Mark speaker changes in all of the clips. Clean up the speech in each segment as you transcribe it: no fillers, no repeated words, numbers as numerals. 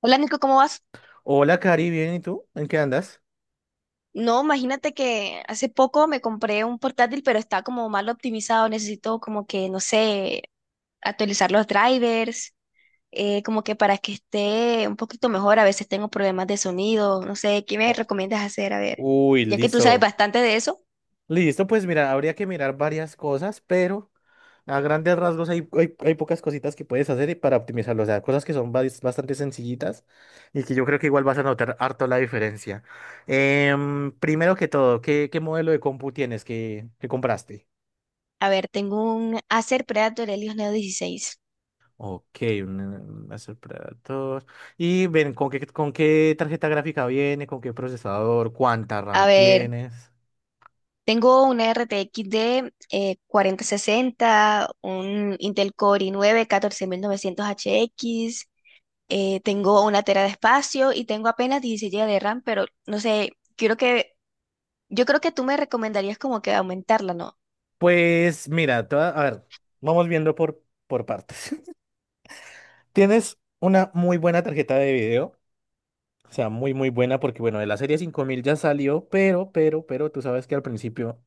Speaker 1: Hola Nico, ¿cómo vas?
Speaker 2: Hola, Cari, bien, ¿y tú? ¿En qué andas?
Speaker 1: No, imagínate que hace poco me compré un portátil, pero está como mal optimizado. Necesito como que, no sé, actualizar los drivers, como que para que esté un poquito mejor. A veces tengo problemas de sonido, no sé, ¿qué me
Speaker 2: Oh,
Speaker 1: recomiendas hacer? A ver,
Speaker 2: uy,
Speaker 1: ya que tú sabes
Speaker 2: listo.
Speaker 1: bastante de eso.
Speaker 2: Listo, pues mira, habría que mirar varias cosas, pero a grandes rasgos hay, pocas cositas que puedes hacer y para optimizarlo, o sea, cosas que son bastante sencillitas y que yo creo que igual vas a notar harto la diferencia. Primero que todo, ¿qué modelo de compu tienes que compraste?
Speaker 1: A ver, tengo un Acer Predator Helios Neo 16.
Speaker 2: Ok, un Acer Predator. Y ven, ¿con qué tarjeta gráfica viene? ¿Con qué procesador? ¿Cuánta
Speaker 1: A
Speaker 2: RAM
Speaker 1: ver,
Speaker 2: tienes?
Speaker 1: tengo una RTX de 4060, un Intel Core i9 14900HX. Tengo una tera de espacio y tengo apenas 16 GB de RAM, pero no sé, quiero que, yo creo que tú me recomendarías como que aumentarla, ¿no?
Speaker 2: Pues mira, te voy a ver, vamos viendo por partes. Tienes una muy buena tarjeta de video, o sea, muy, muy buena, porque bueno, de la serie 5000 ya salió, pero tú sabes que al principio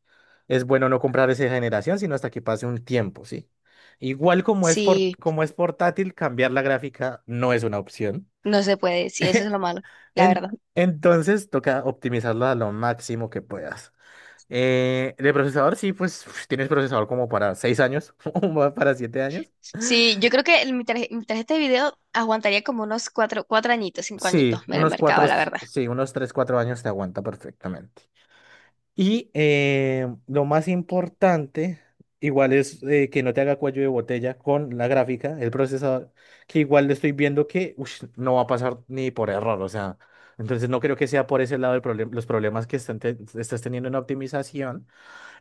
Speaker 2: es bueno no comprar esa generación, sino hasta que pase un tiempo, ¿sí? Igual como es,
Speaker 1: Sí,
Speaker 2: como es portátil, cambiar la gráfica no es una opción.
Speaker 1: no se puede, sí, eso es lo malo, la
Speaker 2: En-
Speaker 1: verdad.
Speaker 2: entonces toca optimizarla a lo máximo que puedas. De procesador, sí, pues tienes procesador como para 6 años o para 7 años.
Speaker 1: Sí, yo creo que mi tarjeta de video aguantaría como unos 4 añitos, cinco
Speaker 2: Sí,
Speaker 1: añitos en el
Speaker 2: unos cuatro,
Speaker 1: mercado, la verdad.
Speaker 2: sí, unos 3, 4 años te aguanta perfectamente. Y lo más importante, igual es que no te haga cuello de botella con la gráfica, el procesador, que igual le estoy viendo que ush, no va a pasar ni por error, o sea, entonces no creo que sea por ese lado el problema, los problemas que están estás teniendo en optimización.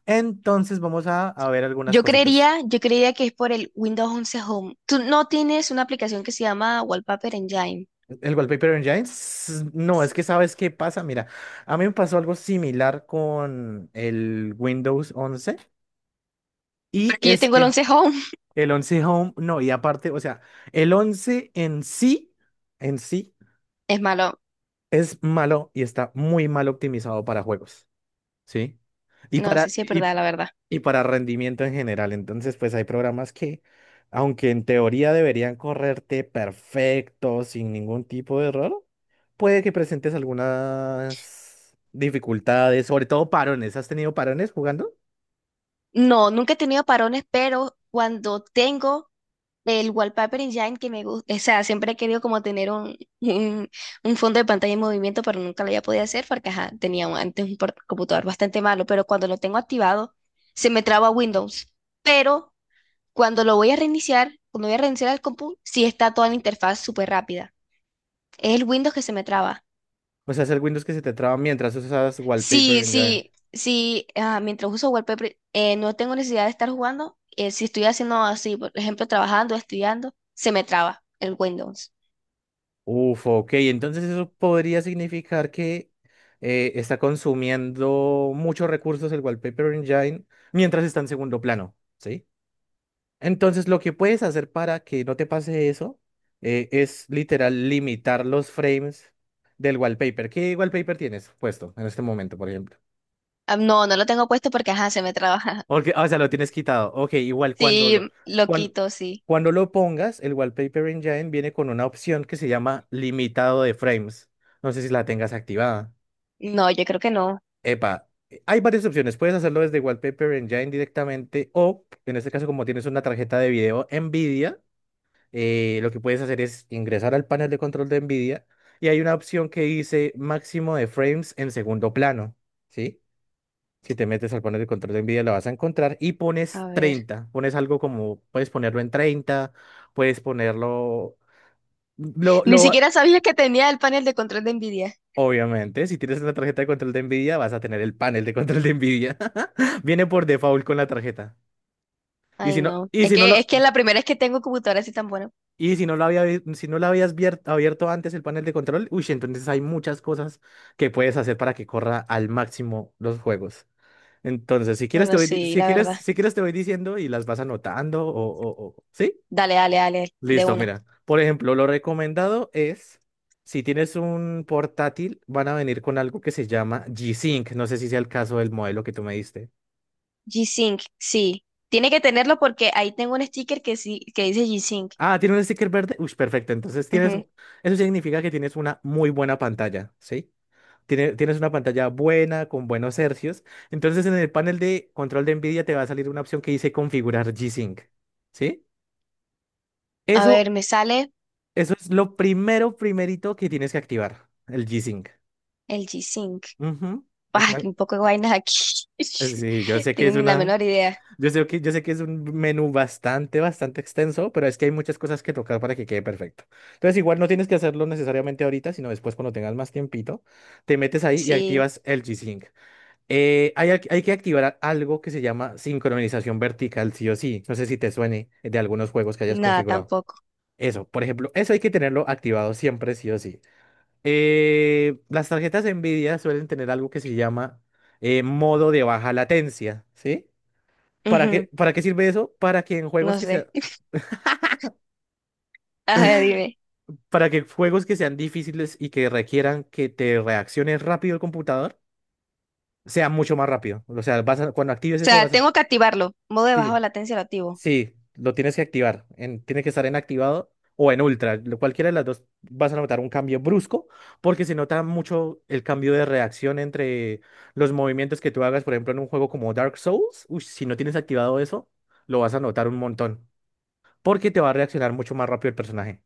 Speaker 2: Entonces vamos a ver algunas
Speaker 1: Yo
Speaker 2: cositas.
Speaker 1: creería, yo creería que es por el Windows 11 Home. Tú no tienes una aplicación que se llama Wallpaper Engine,
Speaker 2: El Wallpaper en no, es que sabes qué pasa. Mira, a mí me pasó algo similar con el Windows 11 y
Speaker 1: porque yo
Speaker 2: es
Speaker 1: tengo el
Speaker 2: que
Speaker 1: 11 Home.
Speaker 2: el 11 Home, no, y aparte, o sea, el 11 en sí,
Speaker 1: Es malo,
Speaker 2: es malo y está muy mal optimizado para juegos, ¿sí? Y
Speaker 1: no
Speaker 2: para,
Speaker 1: sé si es
Speaker 2: y
Speaker 1: verdad, la verdad.
Speaker 2: y para rendimiento en general. Entonces, pues hay programas que, aunque en teoría deberían correrte perfecto, sin ningún tipo de error, puede que presentes algunas dificultades, sobre todo parones. ¿Has tenido parones jugando?
Speaker 1: No, nunca he tenido parones, pero cuando tengo el wallpaper en Engine que me gusta, o sea, siempre he querido como tener un fondo de pantalla en movimiento, pero nunca lo había podido hacer porque ajá, tenía antes computador bastante malo, pero cuando lo tengo activado, se me traba Windows. Pero cuando voy a reiniciar el compu, sí está toda la interfaz súper rápida. Es el Windows que se me traba.
Speaker 2: O sea, es el Windows que se te traba mientras usas wallpaper
Speaker 1: Sí,
Speaker 2: en Java.
Speaker 1: sí, sí, mientras uso wallpaper, no tengo necesidad de estar jugando. Si estoy haciendo así, por ejemplo, trabajando, estudiando, se me traba el Windows.
Speaker 2: Uf, ok. Entonces eso podría significar que está consumiendo muchos recursos el Wallpaper Engine mientras está en segundo plano, ¿sí? Entonces, lo que puedes hacer para que no te pase eso es literal limitar los frames del wallpaper. ¿Qué wallpaper tienes puesto en este momento, por ejemplo?
Speaker 1: Ah, no, no lo tengo puesto porque, ajá, se me traba.
Speaker 2: Porque, ah, o sea, lo tienes quitado. Ok, igual
Speaker 1: Sí, lo
Speaker 2: cuan-
Speaker 1: quito, sí.
Speaker 2: cuando lo pongas, el Wallpaper Engine viene con una opción que se llama limitado de frames. No sé si la tengas activada.
Speaker 1: No, yo creo que no.
Speaker 2: Epa, hay varias opciones. Puedes hacerlo desde Wallpaper Engine directamente o, en este caso, como tienes una tarjeta de video NVIDIA, lo que puedes hacer es ingresar al panel de control de NVIDIA y hay una opción que dice máximo de frames en segundo plano, ¿sí? Si te metes al panel de control de NVIDIA lo vas a encontrar y pones
Speaker 1: A ver.
Speaker 2: 30, pones algo como, puedes ponerlo en 30, puedes ponerlo, lo,
Speaker 1: Ni
Speaker 2: lo,
Speaker 1: siquiera sabía que tenía el panel de control de Nvidia.
Speaker 2: obviamente, si tienes una tarjeta de control de NVIDIA vas a tener el panel de control de NVIDIA, viene por default con la tarjeta. Y
Speaker 1: Ay,
Speaker 2: si no,
Speaker 1: no.
Speaker 2: y
Speaker 1: Es
Speaker 2: si no
Speaker 1: que
Speaker 2: lo,
Speaker 1: es que la primera es que tengo computadora así tan buena.
Speaker 2: Si no lo habías abierto antes el panel de control, uy, entonces hay muchas cosas que puedes hacer para que corra al máximo los juegos. Entonces, si quieres te
Speaker 1: Bueno,
Speaker 2: voy, di-
Speaker 1: sí,
Speaker 2: si
Speaker 1: la
Speaker 2: quieres,
Speaker 1: verdad.
Speaker 2: si quieres te voy diciendo y las vas anotando, ¿sí?
Speaker 1: Dale, dale, dale, de
Speaker 2: Listo,
Speaker 1: una.
Speaker 2: mira. Por ejemplo, lo recomendado es, si tienes un portátil, van a venir con algo que se llama G-Sync. No sé si sea el caso del modelo que tú me diste.
Speaker 1: G-Sync, sí. Tiene que tenerlo porque ahí tengo un sticker que sí, que dice G-Sync.
Speaker 2: Ah, tiene un sticker verde. Uy, perfecto. Entonces
Speaker 1: Ujú.
Speaker 2: eso significa que tienes una muy buena pantalla, ¿sí? Tienes una pantalla buena, con buenos hercios. Entonces, en el panel de control de NVIDIA te va a salir una opción que dice configurar G-Sync, ¿sí?
Speaker 1: A ver,
Speaker 2: Eso,
Speaker 1: me sale
Speaker 2: eso es lo primero, primerito que tienes que activar, el G-Sync.
Speaker 1: el G-Sync.
Speaker 2: Ujú. Es
Speaker 1: Bah,
Speaker 2: una-
Speaker 1: que un poco de vainas aquí.
Speaker 2: Sí,
Speaker 1: Tengo ni la menor idea.
Speaker 2: yo sé que es un menú bastante, bastante extenso, pero es que hay muchas cosas que tocar para que quede perfecto. Entonces, igual no tienes que hacerlo necesariamente ahorita, sino después cuando tengas más tiempito, te metes ahí y
Speaker 1: Sí,
Speaker 2: activas el G-Sync. Hay que activar algo que se llama sincronización vertical, sí o sí. No sé si te suene de algunos juegos que hayas
Speaker 1: nada,
Speaker 2: configurado.
Speaker 1: tampoco.
Speaker 2: Eso, por ejemplo, eso hay que tenerlo activado siempre, sí o sí. Las tarjetas Nvidia suelen tener algo que se llama modo de baja latencia, ¿sí? ¿Para
Speaker 1: Ujú,
Speaker 2: qué, para qué sirve eso?
Speaker 1: no sé. A ver, dime.
Speaker 2: Para que juegos que sean difíciles y que requieran que te reacciones rápido el computador, sea mucho más rápido. O sea, cuando actives
Speaker 1: O
Speaker 2: eso
Speaker 1: sea,
Speaker 2: vas a.
Speaker 1: tengo que activarlo. Modo de baja
Speaker 2: Sí,
Speaker 1: latencia lo activo.
Speaker 2: sí, lo tienes que activar. Tiene que estar en activado o en ultra. Cualquiera de las dos vas a notar un cambio brusco porque se nota mucho el cambio de reacción entre los movimientos que tú hagas, por ejemplo, en un juego como Dark Souls. Uy, si no tienes activado eso, lo vas a notar un montón porque te va a reaccionar mucho más rápido el personaje.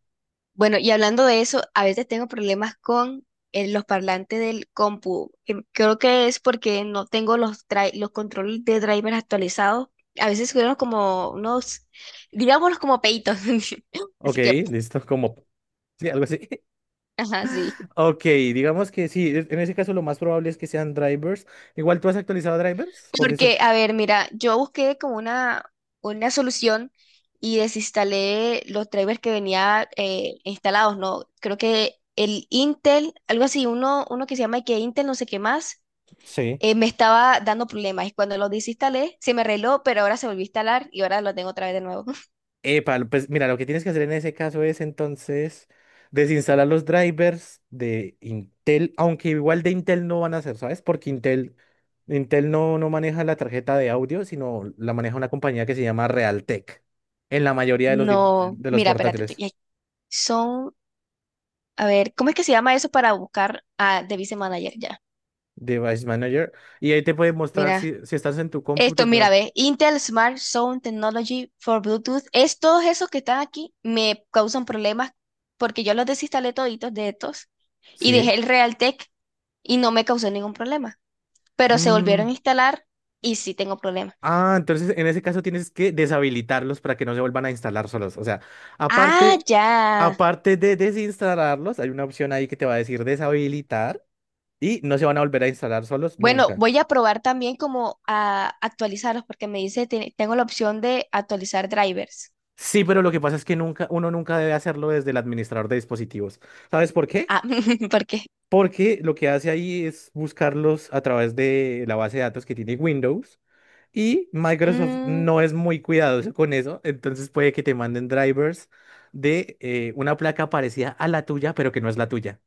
Speaker 1: Bueno, y hablando de eso, a veces tengo problemas con los parlantes del compu. Creo que es porque no tengo los controles de drivers actualizados. A veces subieron como unos, digámoslos como peitos.
Speaker 2: Ok,
Speaker 1: Así que,
Speaker 2: listo, como. Sí, algo así.
Speaker 1: ajá, sí.
Speaker 2: Ok, digamos que sí, en ese caso lo más probable es que sean drivers. Igual tú has actualizado drivers, por decirlo.
Speaker 1: Porque, a ver, mira, yo busqué como una solución y desinstalé los drivers que venía instalados, ¿no? Creo que el Intel, algo así, uno que se llama que Intel no sé qué más,
Speaker 2: Sí.
Speaker 1: me estaba dando problemas. Y cuando lo desinstalé, se me arregló, pero ahora se volvió a instalar y ahora lo tengo otra vez de nuevo.
Speaker 2: Epa, pues mira, lo que tienes que hacer en ese caso es entonces desinstalar los drivers de Intel, aunque igual de Intel no van a ser, ¿sabes? Porque Intel no maneja la tarjeta de audio, sino la maneja una compañía que se llama Realtek, en la mayoría de
Speaker 1: No,
Speaker 2: los
Speaker 1: mira, espérate,
Speaker 2: portátiles.
Speaker 1: ay, son, a ver, ¿cómo es que se llama eso para buscar a Device Manager ya?
Speaker 2: Device Manager. Y ahí te puede mostrar
Speaker 1: Mira,
Speaker 2: si, estás en tu compu, te
Speaker 1: esto, mira,
Speaker 2: puede.
Speaker 1: ve, Intel Smart Sound Technology for Bluetooth, es todos esos que están aquí, me causan problemas porque yo los desinstalé toditos de estos y dejé
Speaker 2: Sí.
Speaker 1: el Realtek y no me causó ningún problema, pero se
Speaker 2: Mm.
Speaker 1: volvieron a instalar y sí tengo problemas.
Speaker 2: Ah, entonces en ese caso tienes que deshabilitarlos para que no se vuelvan a instalar solos. O sea,
Speaker 1: Ah,
Speaker 2: aparte,
Speaker 1: ya.
Speaker 2: aparte de desinstalarlos, hay una opción ahí que te va a decir deshabilitar y no se van a volver a instalar solos
Speaker 1: Bueno,
Speaker 2: nunca.
Speaker 1: voy a probar también como a actualizarlos porque me dice, tengo la opción de actualizar drivers.
Speaker 2: Sí, pero lo que pasa es que nunca, uno nunca debe hacerlo desde el administrador de dispositivos. ¿Sabes por qué?
Speaker 1: Ah, ¿por qué?
Speaker 2: Porque lo que hace ahí es buscarlos a través de la base de datos que tiene Windows. Y Microsoft no
Speaker 1: Mm,
Speaker 2: es muy cuidadoso con eso, entonces puede que te manden drivers de una placa parecida a la tuya, pero que no es la tuya.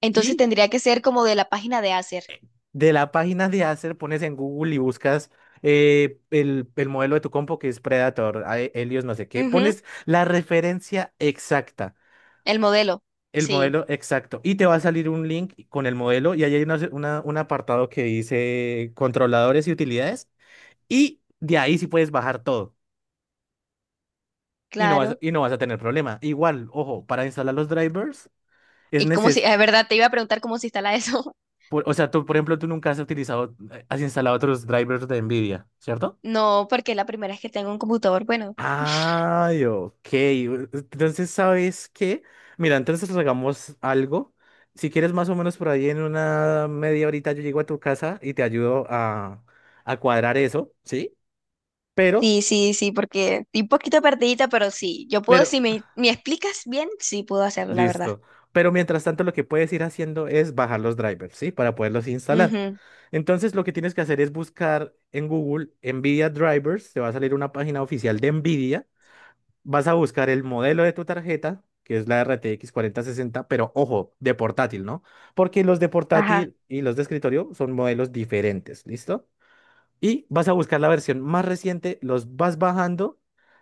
Speaker 1: entonces
Speaker 2: Y
Speaker 1: tendría que ser como de la página de Acer.
Speaker 2: de la página de Acer pones en Google y buscas el modelo de tu compo que es Predator, Helios, no sé qué.
Speaker 1: Ujú,
Speaker 2: Pones la referencia exacta,
Speaker 1: el modelo,
Speaker 2: el
Speaker 1: sí.
Speaker 2: modelo exacto, y te va a salir un link con el modelo y ahí hay un apartado que dice controladores y utilidades. Y de ahí sí puedes bajar todo. y no vas,
Speaker 1: Claro.
Speaker 2: y no vas a tener problema. Igual, ojo, para instalar los drivers es
Speaker 1: Y como si,
Speaker 2: necesario,
Speaker 1: es verdad, te iba a preguntar cómo se instala eso.
Speaker 2: o sea, tú, por ejemplo, tú nunca has instalado otros drivers de NVIDIA, ¿cierto?
Speaker 1: No, porque la primera vez que tengo un computador, bueno.
Speaker 2: Ay, ok. Entonces, ¿sabes qué? Mira, entonces hagamos algo. Si quieres, más o menos por ahí en una media horita yo llego a tu casa y te ayudo a cuadrar eso, ¿sí? Pero,
Speaker 1: Sí, sí, sí, porque estoy un poquito perdidita, pero sí, yo puedo,
Speaker 2: pero,
Speaker 1: si me explicas bien, sí puedo hacerlo, la verdad.
Speaker 2: Listo. Pero mientras tanto, lo que puedes ir haciendo es bajar los drivers, ¿sí? Para poderlos instalar.
Speaker 1: Ujú,
Speaker 2: Entonces, lo que tienes que hacer es buscar en Google NVIDIA Drivers. Te va a salir una página oficial de NVIDIA. Vas a buscar el modelo de tu tarjeta, que es la RTX 60, pero ojo, de portátil, ¿no? Porque los de
Speaker 1: ajá,
Speaker 2: portátil y los de escritorio son modelos diferentes, ¿listo? Y vas a buscar la versión más reciente, los vas bajando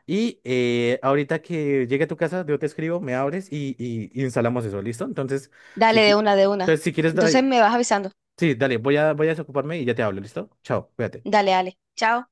Speaker 2: y ahorita que llegue a tu casa, yo te escribo, me abres y instalamos eso, ¿listo? Entonces, si,
Speaker 1: dale de
Speaker 2: qui-
Speaker 1: una, de una.
Speaker 2: entonces, si quieres, da-
Speaker 1: Entonces me vas avisando.
Speaker 2: sí, dale, voy a desocuparme y ya te hablo, ¿listo? Chao, cuídate.
Speaker 1: Dale, dale. Chao.